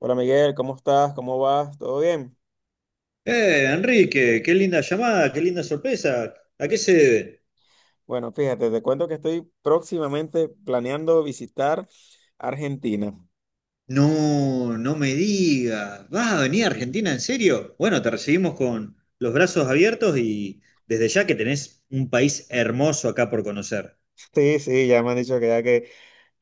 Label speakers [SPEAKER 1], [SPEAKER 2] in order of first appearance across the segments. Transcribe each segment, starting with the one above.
[SPEAKER 1] Hola Miguel, ¿cómo estás? ¿Cómo vas? ¿Todo bien?
[SPEAKER 2] Enrique, qué linda llamada, qué linda sorpresa. ¿A qué se debe?
[SPEAKER 1] Bueno, fíjate, te cuento que estoy próximamente planeando visitar Argentina.
[SPEAKER 2] No, no me digas. ¿Vas a venir a
[SPEAKER 1] Ujú.
[SPEAKER 2] Argentina en serio? Bueno, te recibimos con los brazos abiertos y desde ya que tenés un país hermoso acá por conocer.
[SPEAKER 1] Sí, sí, ya me han dicho que ya que,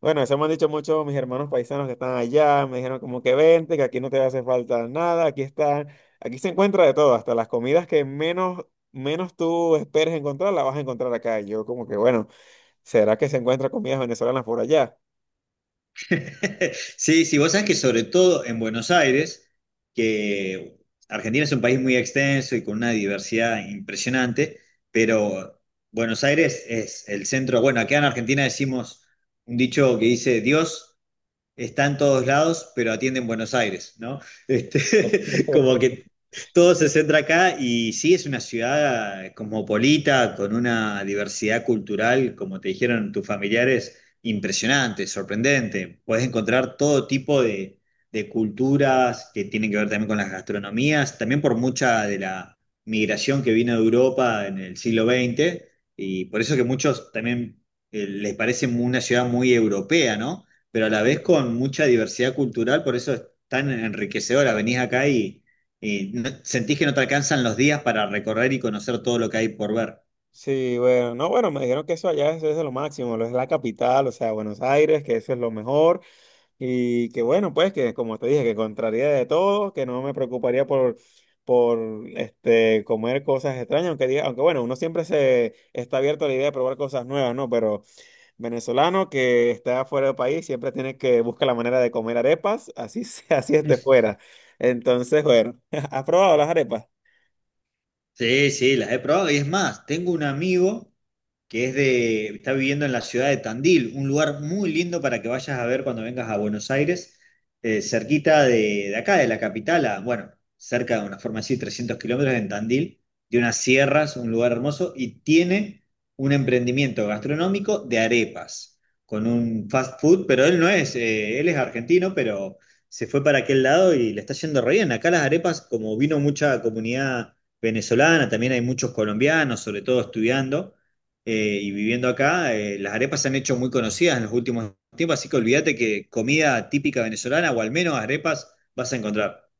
[SPEAKER 1] bueno, eso me han dicho muchos mis hermanos paisanos que están allá, me dijeron como que vente, que aquí no te hace falta nada, aquí está, aquí se encuentra de todo, hasta las comidas que menos, menos tú esperes encontrar, las vas a encontrar acá. Y yo como que, bueno, ¿será que se encuentran comidas venezolanas por allá?
[SPEAKER 2] Sí, sí, vos sabés que sobre todo en Buenos Aires, que Argentina es un país muy extenso y con una diversidad impresionante, pero Buenos Aires es el centro, bueno, acá en Argentina decimos un dicho que dice Dios está en todos lados, pero atiende en Buenos Aires, ¿no? Como que todo se centra acá y sí es una ciudad cosmopolita, con una diversidad cultural, como te dijeron tus familiares, impresionante, sorprendente. Puedes encontrar todo tipo de culturas que tienen que ver también con las gastronomías, también por mucha de la migración que vino de Europa en el siglo XX, y por eso que muchos también les parece una ciudad muy europea, ¿no? Pero a la vez con mucha diversidad cultural, por eso es tan enriquecedora. Venís acá sentís que no te alcanzan los días para recorrer y conocer todo lo que hay por ver.
[SPEAKER 1] Sí, bueno, no, bueno, me dijeron que eso allá eso es lo máximo, lo es la capital, o sea, Buenos Aires, que eso es lo mejor y que bueno, pues que como te dije, que contraría de todo, que no me preocuparía por este comer cosas extrañas, aunque diga, aunque bueno, uno siempre se está abierto a la idea de probar cosas nuevas, ¿no? Pero venezolano que está fuera del país siempre tiene que buscar la manera de comer arepas, así sea, así esté fuera. Entonces, bueno, ¿has probado las arepas?
[SPEAKER 2] Sí, sí, las he probado. Y es más, tengo un amigo que está viviendo en la ciudad de Tandil, un lugar muy lindo para que vayas a ver cuando vengas a Buenos Aires, cerquita de acá, de la capital, a, bueno, cerca de una forma así, 300 kilómetros en Tandil, de unas sierras, un lugar hermoso, y tiene un emprendimiento gastronómico de arepas, con un fast food, pero él no es, él es argentino, pero se fue para aquel lado y le está yendo re bien. Acá las arepas, como vino mucha comunidad venezolana, también hay muchos colombianos, sobre todo estudiando y viviendo acá, las arepas se han hecho muy conocidas en los últimos tiempos, así que olvídate que comida típica venezolana o al menos arepas vas a encontrar.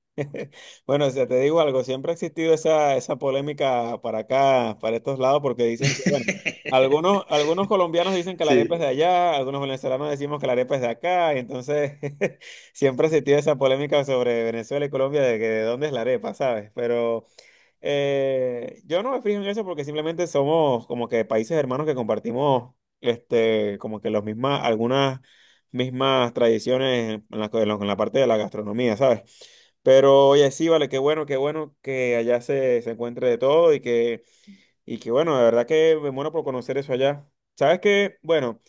[SPEAKER 1] Bueno, o sea, te digo algo, siempre ha existido esa, esa polémica para acá, para estos lados, porque dicen que, bueno, algunos, algunos colombianos dicen que la arepa es de
[SPEAKER 2] Sí.
[SPEAKER 1] allá, algunos venezolanos decimos que la arepa es de acá, y entonces siempre ha existido esa polémica sobre Venezuela y Colombia de que de dónde es la arepa, ¿sabes? Pero yo no me fijo en eso porque simplemente somos como que países hermanos que compartimos, este, como que los mismas, algunas mismas tradiciones en la, en la parte de la gastronomía, ¿sabes? Pero oye, sí, vale, qué bueno que allá se, se encuentre de todo y que bueno, de verdad que me muero por conocer eso allá. Sabes que, bueno,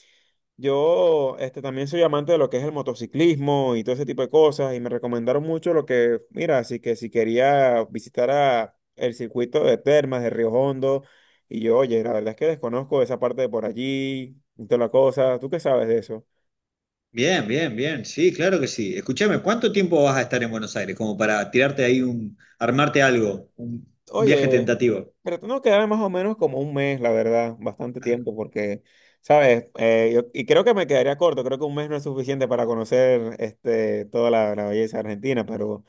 [SPEAKER 1] yo este, también soy amante de lo que es el motociclismo y todo ese tipo de cosas y me recomendaron mucho lo que, mira, así que si quería visitar a el circuito de Termas de Río Hondo y yo, oye, la verdad es que desconozco esa parte de por allí y toda la cosa. ¿Tú qué sabes de eso?
[SPEAKER 2] Bien, bien, bien. Sí, claro que sí. Escúchame, ¿cuánto tiempo vas a estar en Buenos Aires? Como para tirarte ahí un, armarte algo, un
[SPEAKER 1] Oye,
[SPEAKER 2] viaje tentativo.
[SPEAKER 1] pero tengo que quedarme más o menos como un mes, la verdad, bastante tiempo, porque, ¿sabes? Yo- y creo que me quedaría corto, creo que un mes no es suficiente para conocer este, toda la, la belleza argentina, pero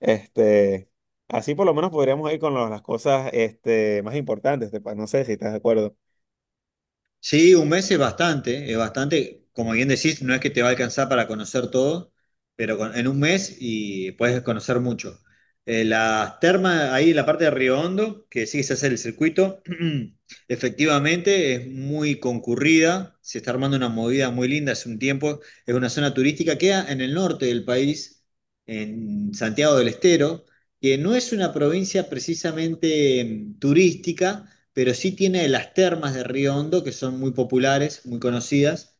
[SPEAKER 1] este, así por lo menos podríamos ir con lo- las cosas este, más importantes, te pa- no sé si estás de acuerdo.
[SPEAKER 2] Sí, un mes es bastante, como bien decís, no es que te va a alcanzar para conocer todo, pero en un mes y puedes conocer mucho. Las termas, ahí en la parte de Río Hondo, que sí se hace el circuito, efectivamente es muy concurrida, se está armando una movida muy linda hace un tiempo, es una zona turística, queda en el norte del país, en Santiago del Estero, que no es una provincia precisamente turística, pero sí tiene las termas de Río Hondo, que son muy populares, muy conocidas,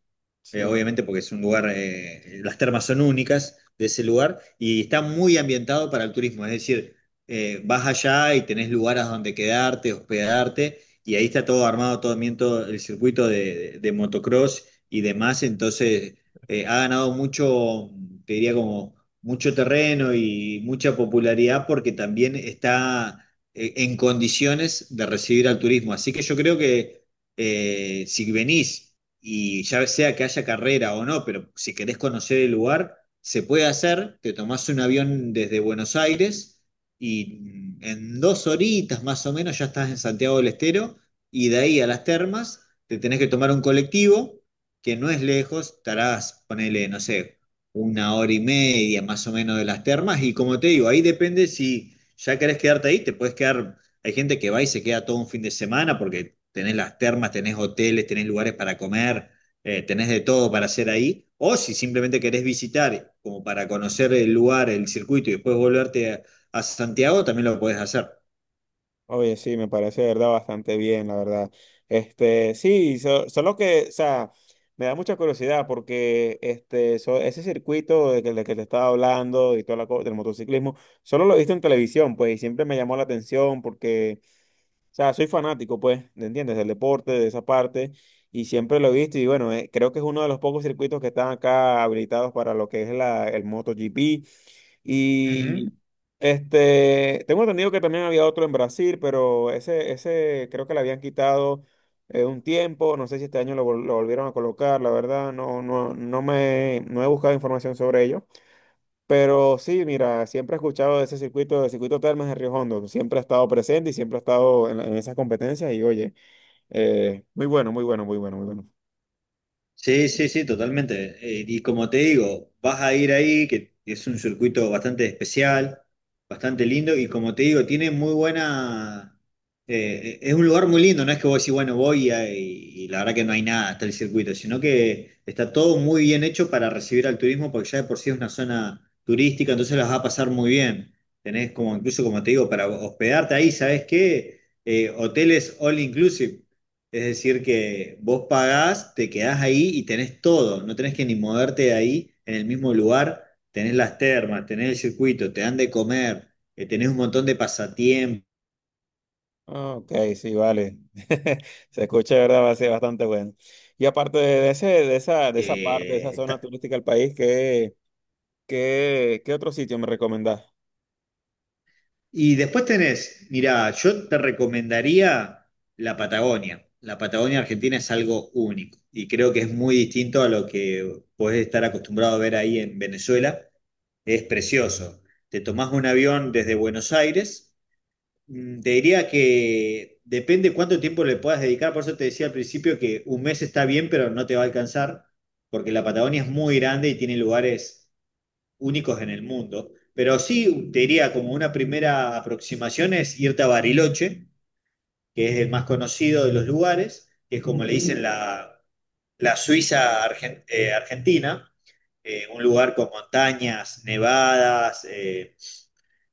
[SPEAKER 2] obviamente porque es un lugar, las termas son únicas de ese lugar, y está muy ambientado para el turismo, es decir, vas allá y tenés lugares donde quedarte, hospedarte, y ahí está todo armado, todo bien, todo el circuito de motocross y demás, entonces ha ganado mucho, te diría como mucho terreno y mucha popularidad porque también está en condiciones de recibir al turismo. Así que yo creo que si venís y ya sea que haya carrera o no, pero si querés conocer el lugar, se puede hacer, te tomás un avión desde Buenos Aires y en 2 horitas más o menos ya estás en Santiago del Estero y de ahí a las termas te tenés que tomar un colectivo que no es lejos, estarás, ponele, no sé, una hora y media más o menos de las termas y como te digo, ahí depende si ya querés quedarte ahí, te puedes quedar. Hay gente que va y se queda todo un fin de semana porque tenés las termas, tenés hoteles, tenés lugares para comer, tenés de todo para hacer ahí. O si simplemente querés visitar, como para conocer el lugar, el circuito y después volverte a Santiago, también lo podés hacer.
[SPEAKER 1] Oye, sí, me parece de verdad bastante bien, la verdad. Este, sí, so- solo que, o sea, me da mucha curiosidad porque este, so- ese circuito de que te estaba hablando y toda la cosa del motociclismo, solo lo he visto en televisión, pues, y siempre me llamó la atención porque, o sea, soy fanático, pues, ¿me entiendes? Del deporte, de esa parte, y siempre lo he visto, y bueno, creo que es uno de los pocos circuitos que están acá habilitados para lo que es la, el MotoGP.
[SPEAKER 2] Ujú.
[SPEAKER 1] Y este, tengo entendido que también había otro en Brasil, pero ese creo que le habían quitado un tiempo. No sé si este año lo, vol- lo volvieron a colocar, la verdad, no, no, no me, no he buscado información sobre ello. Pero sí, mira, siempre he escuchado de ese circuito, del circuito Termas de Río Hondo. Siempre ha estado presente y siempre ha estado en, la- en esas competencias. Y oye, muy bueno, muy bueno, muy bueno, muy bueno.
[SPEAKER 2] Sí, sí, sí, totalmente. Y como te digo, vas a ir ahí, que es un circuito bastante especial, bastante lindo, y como te digo, tiene muy buena... Es un lugar muy lindo, no es que vos decís, bueno, voy y la verdad que no hay nada, está el circuito, sino que está todo muy bien hecho para recibir al turismo, porque ya de por sí es una zona turística, entonces las va a pasar muy bien. Tenés como, incluso como te digo, para hospedarte ahí, ¿sabés qué? Hoteles all inclusive. Es decir, que vos pagás, te quedás ahí y tenés todo, no tenés que ni moverte de ahí en el mismo lugar, tenés las termas, tenés el circuito, te dan de comer, tenés un montón de pasatiempos.
[SPEAKER 1] Ah, ok, sí, vale. Se escucha, de ¿verdad? Va a ser bastante bueno. Y aparte de ese, de esa parte, de esa
[SPEAKER 2] eh,
[SPEAKER 1] zona
[SPEAKER 2] está-
[SPEAKER 1] turística del país, ¿qué, qué, qué otro sitio me recomendás?
[SPEAKER 2] Y después tenés, mirá, yo te recomendaría la Patagonia. La Patagonia Argentina es algo único y creo que es muy distinto a lo que podés estar acostumbrado a ver ahí en Venezuela. Es precioso. Te tomás un avión desde Buenos Aires. Te diría que depende cuánto tiempo le puedas dedicar, por eso te decía al principio que un mes está bien, pero no te va a alcanzar, porque la Patagonia es muy grande y tiene lugares únicos en el mundo. Pero sí, te diría como una primera aproximación es irte a Bariloche, que es el más conocido de los lugares, que es como le dicen la argentina, un lugar con montañas, nevadas, eh,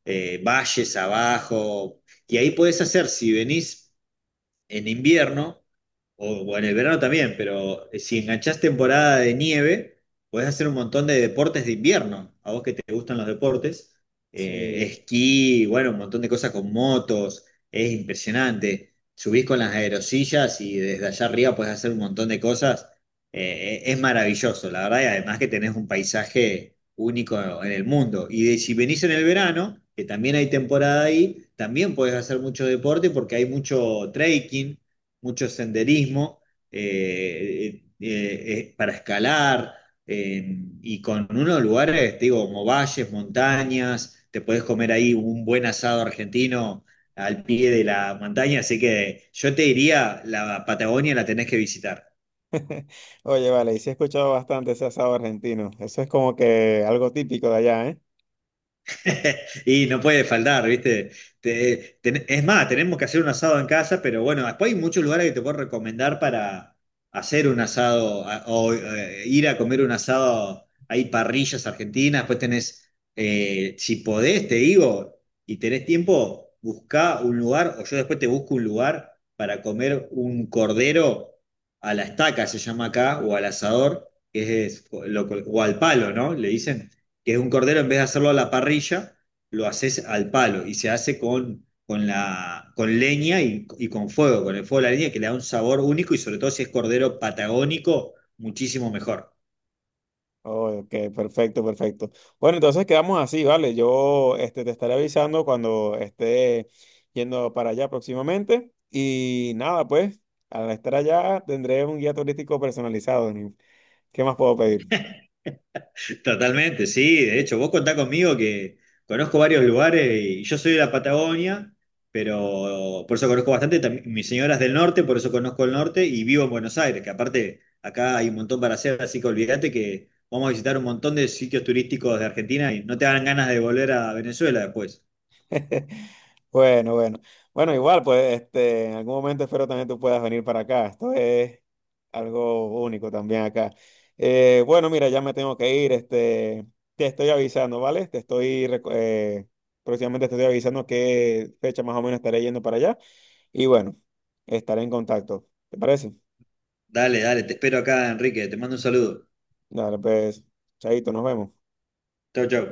[SPEAKER 2] eh, valles abajo. Y ahí podés hacer, si venís en invierno, o en el verano también, pero si enganchás temporada de nieve, podés hacer un montón de deportes de invierno. A vos que te gustan los deportes,
[SPEAKER 1] Sí.
[SPEAKER 2] esquí, bueno, un montón de cosas con motos, es impresionante. Subís con las aerosillas y desde allá arriba podés hacer un montón de cosas. Es maravilloso, la verdad, y además que tenés un paisaje único en el mundo. Si venís en el verano, que también hay temporada ahí, también podés hacer mucho deporte porque hay mucho trekking, mucho senderismo, para escalar, y con unos lugares, te digo, como valles, montañas, te podés comer ahí un buen asado argentino al pie de la montaña, así que yo te diría, la Patagonia la tenés que visitar.
[SPEAKER 1] Oye, vale, y sí he escuchado bastante ese asado argentino. Eso es como que algo típico de allá, ¿eh?
[SPEAKER 2] Y no puede faltar, ¿viste? Es más, tenemos que hacer un asado en casa, pero bueno, después hay muchos lugares que te puedo recomendar para hacer un asado a- o ir a comer un asado. Hay parrillas argentinas, después tenés, si podés, te digo, y tenés tiempo, buscá un lugar, o yo después te busco un lugar para comer un cordero a la estaca, se llama acá, o al asador, que es, o al palo, ¿no? Le dicen que es un cordero, en vez de hacerlo a la parrilla, lo haces al palo y se hace con leña y con fuego, con el fuego de la leña, que le da un sabor único y sobre todo si es cordero patagónico, muchísimo mejor.
[SPEAKER 1] Oh, ok, perfecto, perfecto. Bueno, entonces quedamos así, ¿vale? Yo este, te estaré avisando cuando esté yendo para allá próximamente. Y nada, pues, al estar allá tendré un guía turístico personalizado. ¿Qué más puedo pedir?
[SPEAKER 2] Totalmente, sí. De hecho, vos contá conmigo que conozco varios lugares y yo soy de la Patagonia, pero por eso conozco bastante. Mi señora es del norte, por eso conozco el norte y vivo en Buenos Aires, que aparte acá hay un montón para hacer, así que olvídate que vamos a visitar un montón de sitios turísticos de Argentina y no te dan ganas de volver a Venezuela después.
[SPEAKER 1] Bueno, bueno. Bueno, igual, pues, este, en algún momento espero también tú puedas venir para acá. Esto es algo único también acá. Bueno, mira, ya me tengo que ir. Este, te estoy avisando, ¿vale? Te estoy, reco- próximamente te estoy avisando qué fecha más o menos estaré yendo para allá. Y bueno, estaré en contacto. ¿Te parece?
[SPEAKER 2] Dale, dale, te espero acá, Enrique. Te mando un saludo.
[SPEAKER 1] Dale, pues, chaito, nos vemos.
[SPEAKER 2] Chau, chau.